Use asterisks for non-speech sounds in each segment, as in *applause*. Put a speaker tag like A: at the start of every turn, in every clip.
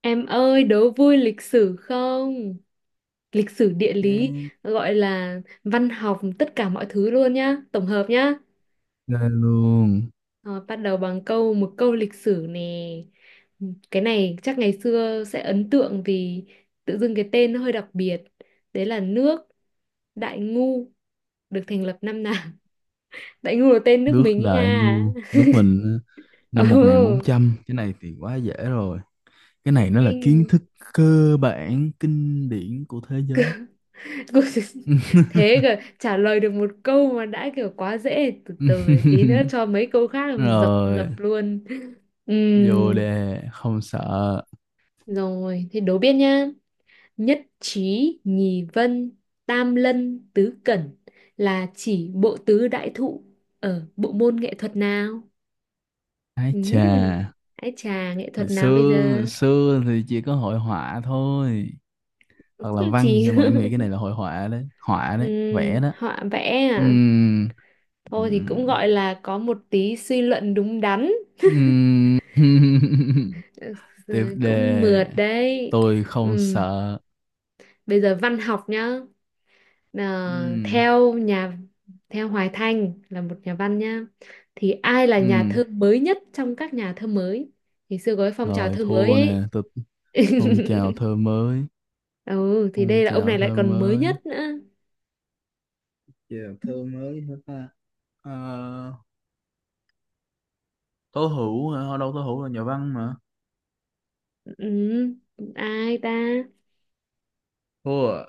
A: Em ơi, đố vui lịch sử không? Lịch sử địa
B: Cái
A: lý, gọi là văn học, tất cả mọi thứ luôn nhá, tổng hợp nhá.
B: ghê luôn.
A: Rồi, bắt đầu bằng một câu lịch sử nè. Cái này chắc ngày xưa sẽ ấn tượng vì tự dưng cái tên nó hơi đặc biệt. Đấy là nước Đại Ngu được thành lập năm nào? *laughs* Đại Ngu là tên nước
B: Nước
A: mình ấy
B: Đại
A: nha.
B: Ngu. Nước mình
A: *laughs* Ồ,
B: năm 1400. Cái này thì quá dễ rồi. Cái này nó là kiến
A: kinh.
B: thức cơ bản. Kinh điển của thế giới.
A: *laughs* Thế cơ, trả lời được một câu mà đã kiểu quá dễ, từ từ để tí nữa
B: *laughs*
A: cho mấy câu khác làm dập
B: Rồi.
A: dập luôn.
B: Vô
A: Ừm,
B: đề. Không sợ.
A: Rồi, thế đố biết nhá. Nhất trí nhì vân, tam lân tứ cẩn là chỉ bộ tứ đại thụ ở bộ môn nghệ thuật nào?
B: Ái chà.
A: Ừm, Hãy trà nghệ
B: Hồi
A: thuật nào bây
B: xưa
A: giờ?
B: Hồi xưa thì chỉ có hội họa thôi. Hoặc là
A: *laughs*
B: văn.
A: chỉ
B: Nhưng mà em nghĩ
A: *laughs*
B: cái này là hội họa đấy. Họa đấy. Vẽ đó.
A: Họa vẽ à?
B: Ừm.
A: Thôi thì
B: Ừm.
A: cũng gọi là có một tí suy luận đúng đắn. *laughs*
B: Ừm. *laughs*
A: Ừ,
B: Tiếp
A: cũng
B: đề,
A: mượt đấy,
B: tôi không
A: ừ.
B: sợ.
A: Bây giờ văn học nhá. Ờ,
B: Ừ.
A: theo nhà theo Hoài Thanh là một nhà văn nhá, thì ai là nhà
B: Ừ.
A: thơ mới nhất trong các nhà thơ mới? Thì xưa có cái phong trào
B: Rồi
A: thơ mới
B: thua nè,
A: ấy.
B: tôi phong trào thơ
A: *laughs*
B: mới,
A: Ừ, thì
B: phong
A: đây là ông
B: trào
A: này lại
B: thơ
A: còn mới
B: mới.
A: nhất nữa.
B: Giờ thơ mới hả ta? Ờ, Tố Hữu hả? Ở đâu, Tố Hữu là nhà văn mà.
A: Ừ, ai ta?
B: Thua à?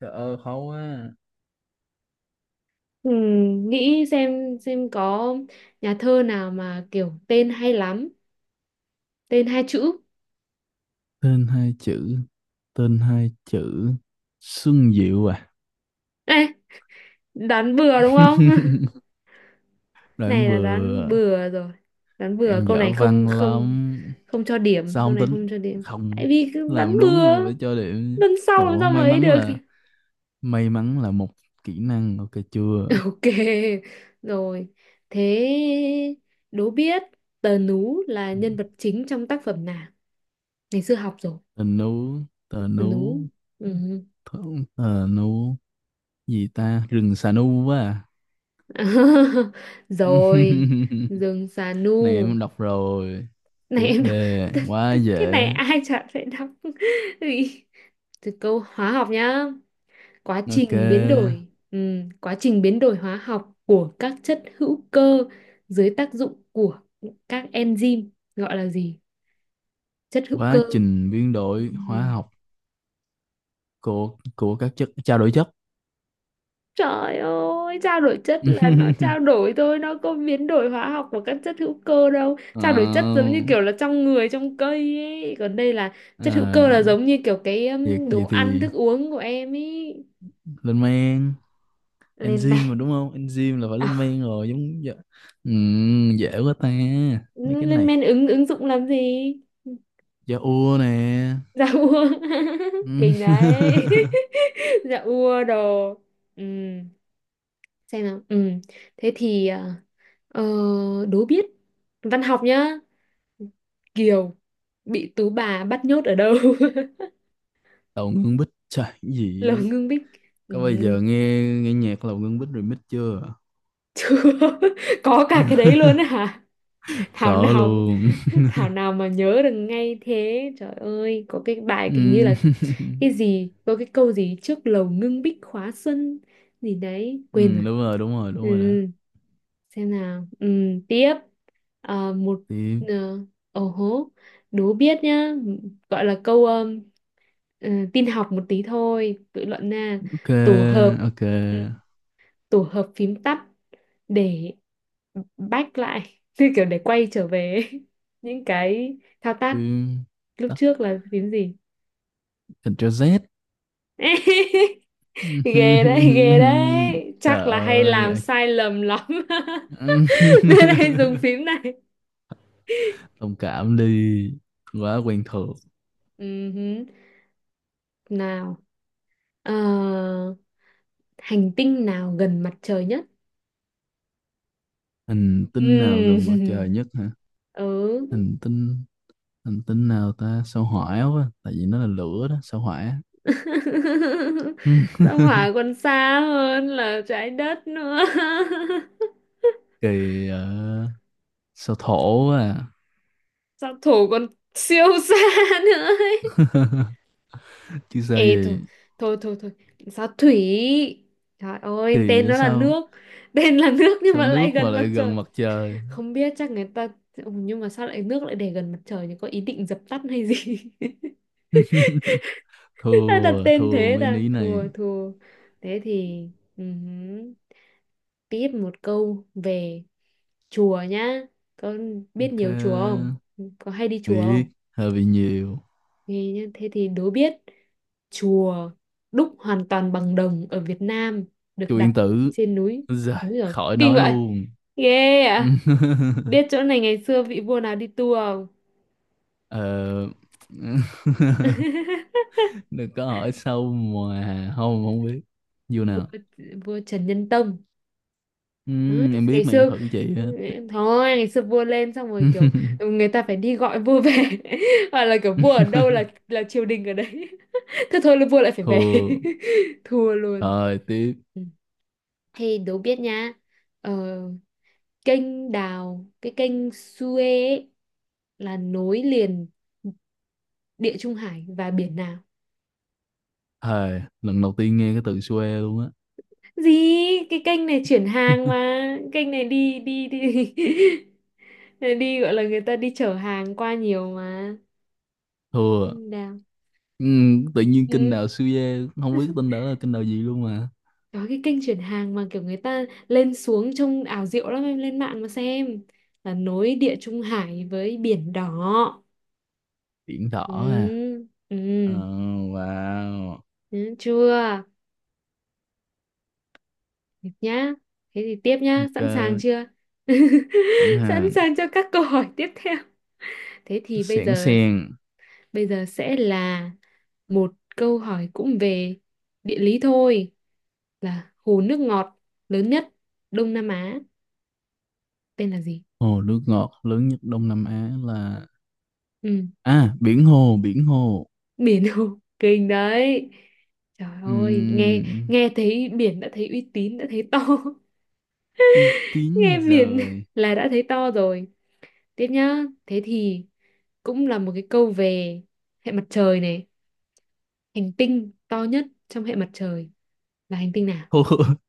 B: Trời ơi, khó quá.
A: Ừ, nghĩ xem có nhà thơ nào mà kiểu tên hay lắm, tên hai chữ.
B: Tên hai chữ, tên hai chữ. Xuân Diệu à.
A: Ê, đoán bừa đúng không? *laughs*
B: Đoạn
A: Này là đoán
B: vừa,
A: bừa rồi, đoán bừa
B: em
A: câu này
B: dở
A: không,
B: văn
A: không,
B: lắm.
A: không cho điểm.
B: Sao
A: Câu
B: không
A: này không
B: tính?
A: cho điểm,
B: Không,
A: tại vì cứ đoán
B: làm đúng mà
A: bừa,
B: phải cho điểm.
A: lần sau làm
B: Ủa,
A: sao mà
B: may
A: ấy
B: mắn
A: được.
B: là, một kỹ năng, ok chưa?
A: *laughs* Ok, rồi thế đố biết. Tờ nú là nhân vật chính trong tác phẩm nào? Ngày xưa học rồi.
B: Tờ nú. Tờ
A: Tờ nú,
B: nú.
A: ừ.
B: Tờ nú gì ta, rừng xà nu quá à.
A: *laughs* Rồi,
B: *laughs*
A: rừng xà
B: Này
A: nu.
B: em đọc rồi.
A: Này
B: Tiếp
A: em đọc.
B: đề, quá
A: *laughs* Cái này
B: dễ.
A: ai chả phải đọc. *laughs* Ui. Từ câu hóa học nhá. Quá trình biến
B: Ok.
A: đổi quá trình biến đổi hóa học của các chất hữu cơ dưới tác dụng của các enzyme gọi là gì? Chất hữu
B: Quá
A: cơ.
B: trình biến đổi hóa
A: Ừm.
B: học của các chất trao đổi chất.
A: Trời ơi, trao đổi chất là nó trao
B: *laughs*
A: đổi thôi, nó có biến đổi hóa học của các chất hữu cơ đâu.
B: Ờ,
A: Trao đổi chất giống như kiểu là trong người, trong cây ấy. Còn đây là chất hữu cơ, là
B: À,
A: giống như kiểu cái
B: vậy,
A: đồ
B: gì
A: ăn,
B: thì
A: thức uống của em ấy.
B: lên men.
A: Lên men.
B: Enzyme
A: *laughs*
B: mà đúng không, enzyme là phải
A: À,
B: lên men rồi, giống dạ. Ừ, dễ quá ta, mấy cái
A: lên men
B: này.
A: ứng ứng dụng làm gì? Ừ,
B: Da ua nè.
A: dạ ua. *laughs*
B: Ừ.
A: Kinh đấy.
B: *laughs*
A: *laughs* Dạ ua đồ. Ừ, xem nào. Ừ, thế thì ờ, đố biết văn học nhá. Kiều bị tú bà bắt nhốt ở đâu? *laughs*
B: Lầu Ngưng Bích. Trời, cái
A: Lầu
B: gì?
A: Ngưng Bích, ừ.
B: Có bao giờ nghe nghe nhạc Lầu Ngưng Bích remix chưa?
A: Chưa? *laughs* Có cả cái đấy luôn á
B: *laughs*
A: hả? Thảo
B: Cỡ
A: nào.
B: luôn.
A: *laughs* Thảo nào mà nhớ được ngay thế. Trời ơi, có cái bài
B: Ừ.
A: kiểu như
B: *laughs*
A: là cái gì, có cái câu gì trước "Lầu Ngưng Bích khóa xuân" gì đấy,
B: Ừ,
A: quên rồi.
B: đúng rồi, đúng rồi,
A: Ừ,
B: đúng rồi đó.
A: xem nào. Ừ, tiếp. Ờ, một
B: Tiếp.
A: ờ, Ồ hố, đố biết nhá. Gọi là câu tin học một tí thôi, tự luận nè.
B: Ok.
A: tổ hợp
B: Ok,
A: ừ, tổ hợp phím tắt để back lại *laughs* như kiểu để quay trở về *laughs* những cái thao tác
B: tiếp
A: lúc
B: tắt.
A: trước là phím gì?
B: Ctrl Z.
A: *laughs* Ghê đấy, ghê đấy,
B: *laughs*
A: chắc
B: Trời
A: là hay làm
B: ơi.
A: sai lầm lắm. *laughs*
B: Ừm.
A: Nên hay dùng
B: *laughs*
A: phím này.
B: Thông cảm đi, quá quen thuộc.
A: Hứ. Nào. Ờ, Hành tinh nào gần mặt trời nhất?
B: Hành tinh nào
A: Ừm,
B: gần mặt trời
A: *laughs*
B: nhất hả?
A: ừ
B: Hành tinh, hành tinh nào ta? Sao hỏa quá, tại vì nó là lửa đó, sao hỏa.
A: *laughs*
B: Ừ,
A: sao hỏa còn xa hơn là trái đất nữa. *laughs*
B: kỳ. Ờ, Sao thổ quá.
A: Sao thổ còn siêu xa *laughs* nữa ấy.
B: À, chứ sao
A: Ê thôi,
B: gì.
A: thôi thôi thôi, sao thủy? Trời ơi,
B: Kỳ
A: tên
B: vậy
A: nó là
B: sao,
A: nước. Tên là nước nhưng
B: sao
A: mà
B: nước
A: lại
B: mà
A: gần mặt
B: lại
A: trời.
B: gần mặt trời.
A: Không biết, chắc người ta... Ừ, nhưng mà sao lại nước lại để gần mặt trời, thì có ý định dập tắt hay gì? *laughs* Ta đặt
B: Thua,
A: tên
B: thua
A: thế
B: mấy
A: ta,
B: ní này.
A: thua thua. Thế thì ừm, tiếp một câu về chùa nhá. Có biết
B: Ok,
A: nhiều chùa không? Có hay đi chùa không?
B: biết, hơi bị nhiều.
A: Nghe nhá, thế thì đố biết. Chùa đúc hoàn toàn bằng đồng ở Việt Nam được
B: Chu Yên
A: đặt
B: Tử.
A: trên núi.
B: Giời,
A: Đúng rồi,
B: khỏi
A: kinh
B: nói
A: vậy.
B: luôn.
A: Ghê ạ.
B: *laughs*
A: Biết chỗ này ngày xưa vị vua nào đi tour không?
B: Ờ, *laughs*
A: *laughs*
B: Đừng có hỏi sâu mà không không biết. Vô
A: Vua,
B: nào.
A: vua Trần Nhân Tông. Đó, ngày
B: Em biết
A: ngày
B: mà em
A: xưa,
B: thử chị á.
A: thôi ngày xưa vua lên xong rồi kiểu người ta phải đi gọi vua về, *laughs* hoặc là kiểu vua ở đâu
B: *laughs*
A: là triều đình ở đấy, *laughs* thế thôi là vua lại phải về. *laughs*
B: Thua.
A: Thua luôn.
B: Rồi, tiếp.
A: Ừ. Thì đố biết nhá. Ờ, Kênh Đào, cái kênh Suez ấy, là nối liền Địa Trung Hải và biển nào?
B: Hề, lần đầu tiên nghe cái từ xuê luôn á.
A: Gì? Cái kênh này chuyển hàng
B: *laughs*
A: mà, kênh này đi đi đi *laughs* đi, gọi là người ta đi chở hàng qua nhiều mà.
B: Thua.
A: Kênh Đào.
B: Tự nhiên kênh
A: Ừ,
B: đào xuê, không biết tên đó là kinh đào gì luôn mà.
A: có cái kênh chuyển hàng mà kiểu người ta lên xuống trông ảo diệu lắm, em lên mạng mà xem, là nối Địa Trung Hải với Biển Đỏ.
B: Biển đỏ à?
A: Ừ, ừ,
B: Ờ, wow.
A: ừ, chưa? Được nhá. Thế thì tiếp nhá, sẵn sàng
B: Ok,
A: chưa? *laughs*
B: tận
A: Sẵn
B: hàng.
A: sàng cho các câu hỏi tiếp theo. Thế thì bây
B: Sẻn
A: giờ,
B: sèn.
A: bây giờ sẽ là một câu hỏi cũng về địa lý thôi, là hồ nước ngọt lớn nhất Đông Nam Á tên là gì?
B: Hồ nước ngọt lớn nhất Đông Nam Á là,
A: Ừ,
B: à, biển hồ. Biển hồ.
A: biển Hồ, kinh đấy. Trời ơi, nghe
B: Ừm,
A: nghe thấy biển đã thấy uy tín, đã thấy to. *laughs*
B: uy
A: Nghe
B: tín
A: biển
B: rồi.
A: là đã thấy to rồi. Tiếp nhá. Thế thì cũng là một cái câu về hệ mặt trời này, hành tinh to nhất trong hệ mặt trời là hành tinh nào?
B: Thôi, *laughs*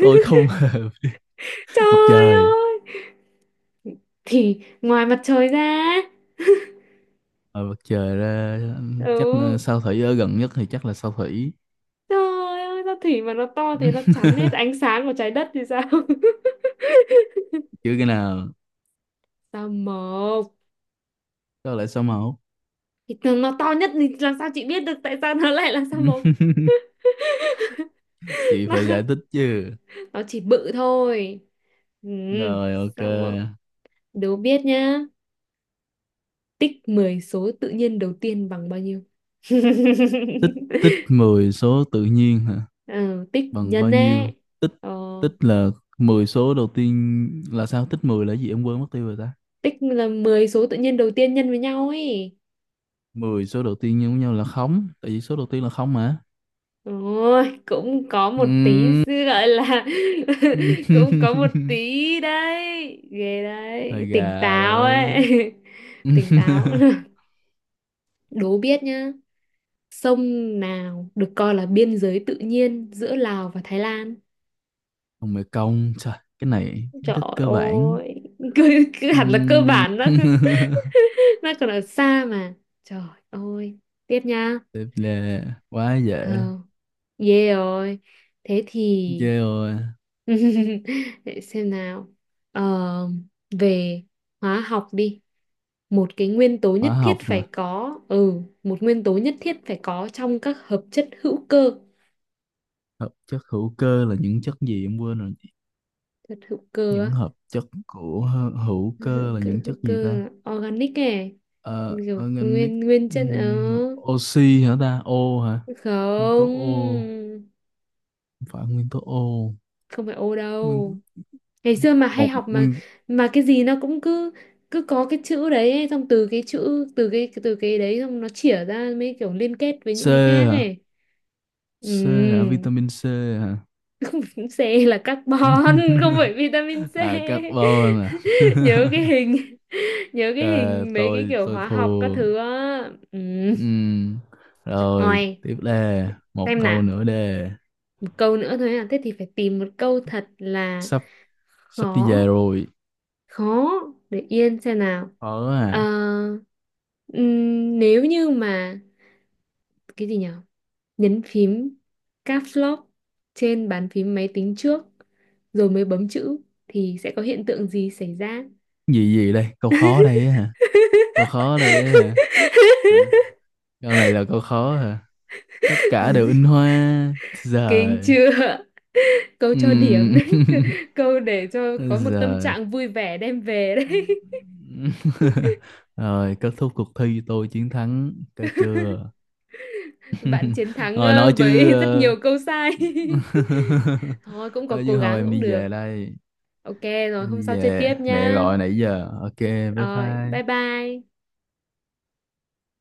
B: tôi không *laughs* mặt
A: Trời
B: trời.
A: ơi, thì ngoài mặt trời ra.
B: Ở mặt trời ra, chắc
A: Ừ.
B: sao thủy ở gần nhất thì chắc là sao thủy.
A: Trời ơi, sao thủy mà nó to thế nó chắn hết
B: *laughs*
A: ánh sáng của trái đất thì sao? *laughs*
B: Chứ cái nào?
A: Sao mộc?
B: Có lẽ sao mẫu.
A: Thì nó to nhất thì làm sao chị biết được tại sao nó lại là sao mộc?
B: *laughs*
A: *laughs*
B: Chị phải giải
A: Nó,
B: thích chứ.
A: nó chỉ bự thôi. Ừ,
B: Rồi, ok.
A: sao mộc? Đố biết nhá. Tích 10 số tự nhiên đầu tiên bằng bao nhiêu?
B: Tích. Tích
A: *laughs*
B: 10 số tự nhiên hả,
A: Ừ, tích
B: bằng bao
A: nhân
B: nhiêu?
A: ấy.
B: Tích.
A: Ờ.
B: Tích là 10 số đầu tiên là sao? Tích 10 là gì, em quên mất tiêu rồi ta.
A: Tích là 10 số tự nhiên đầu tiên nhân với nhau ấy.
B: 10 số đầu tiên nhân với nhau là không, tại vì số đầu tiên là không mà.
A: Ôi, cũng có một tí
B: Ừm.
A: sự gọi là... *laughs* cũng có một
B: *laughs*
A: tí đấy. Ghê đấy,
B: Hơi
A: tỉnh
B: gà
A: táo
B: đấy.
A: ấy. *laughs* Tỉnh táo.
B: *laughs*
A: *laughs* Đố biết nhá. Sông nào được coi là biên giới tự nhiên giữa Lào và Thái Lan?
B: Ông mẹ công, trời, cái này kiến
A: Trời
B: thức cơ bản.
A: ơi. Cứ hẳn là cơ
B: Ừm.
A: bản, nó còn-
B: *laughs*
A: *laughs* nó còn ở xa mà. Trời ơi, tiếp nha.
B: Tiếp là quá
A: ờ
B: dễ.
A: Ghê rồi. Thế thì
B: Ghê rồi.
A: *laughs* để xem nào. Ờ, Về hóa học đi. Một
B: Hóa học mà.
A: nguyên tố nhất thiết phải có trong các hợp chất hữu cơ.
B: Hợp chất hữu cơ là những chất gì, em quên rồi.
A: Chất hữu cơ
B: Những
A: á,
B: hợp chất của hữu
A: *laughs*
B: cơ là những
A: hữu
B: chất gì ta?
A: cơ organic này.
B: Ờ,
A: Kiểu
B: organic.
A: nguyên nguyên chất, ờ...
B: Ừm, oxy hả ta? O hả? Nguyên tố O?
A: Không,
B: Không phải nguyên tố O.
A: không phải Ô đâu.
B: Nguyên,
A: Ngày xưa mà hay
B: một
A: học mà
B: nguyên,
A: mà cái gì nó cũng cứ cứ có cái chữ đấy ấy, xong từ cái chữ từ cái đấy xong nó chỉa ra mấy kiểu liên kết với
B: C
A: những cái khác
B: hả?
A: ấy.
B: C hả?
A: Ừ.
B: Vitamin C hả?
A: *laughs* C là carbon. *laughs* Không
B: *laughs*
A: phải vitamin C.
B: À, carbon à.
A: *laughs* nhớ cái hình nhớ
B: *laughs*
A: cái
B: Cờ,
A: hình mấy cái
B: tôi
A: kiểu
B: tôi
A: hóa học các
B: thua.
A: thứ á. Ừ.
B: Ừm.
A: Trời
B: Rồi,
A: ơi,
B: tiếp đề. Một
A: xem
B: câu
A: nào,
B: nữa đề.
A: một câu nữa thôi à, thế thì phải tìm một câu thật là
B: Sắp sắp đi
A: khó,
B: về rồi.
A: khó. Để yên xem nào.
B: Khó
A: Ờ,
B: à.
A: Nếu như mà cái gì nhở, nhấn phím caps lock trên bàn phím máy tính trước rồi mới bấm chữ thì sẽ có hiện tượng gì xảy ra?
B: Gì gì đây? Câu khó đây á hả? Câu khó đây á hả? Hả?
A: *laughs*
B: Câu này là câu khó hả? Tất cả đều in hoa. Giờ.
A: Kinh chưa? Câu cho điểm đấy, *laughs*
B: *laughs*
A: câu để cho có một tâm
B: Giờ.
A: trạng vui vẻ đem về đấy.
B: *laughs* Rồi, kết thúc cuộc thi, tôi chiến thắng cái chưa?
A: *laughs* Bạn chiến thắng,
B: Rồi, nói chứ
A: với rất nhiều câu sai.
B: *laughs*
A: *laughs* Thôi cũng có
B: nói
A: cố
B: chứ hồi
A: gắng,
B: em
A: cũng
B: đi
A: được.
B: về đây.
A: Ok, rồi
B: Em
A: hôm
B: đi
A: sau chơi tiếp
B: về, mẹ
A: nhá.
B: gọi nãy giờ. Ok, bye
A: Rồi, bye
B: bye.
A: bye.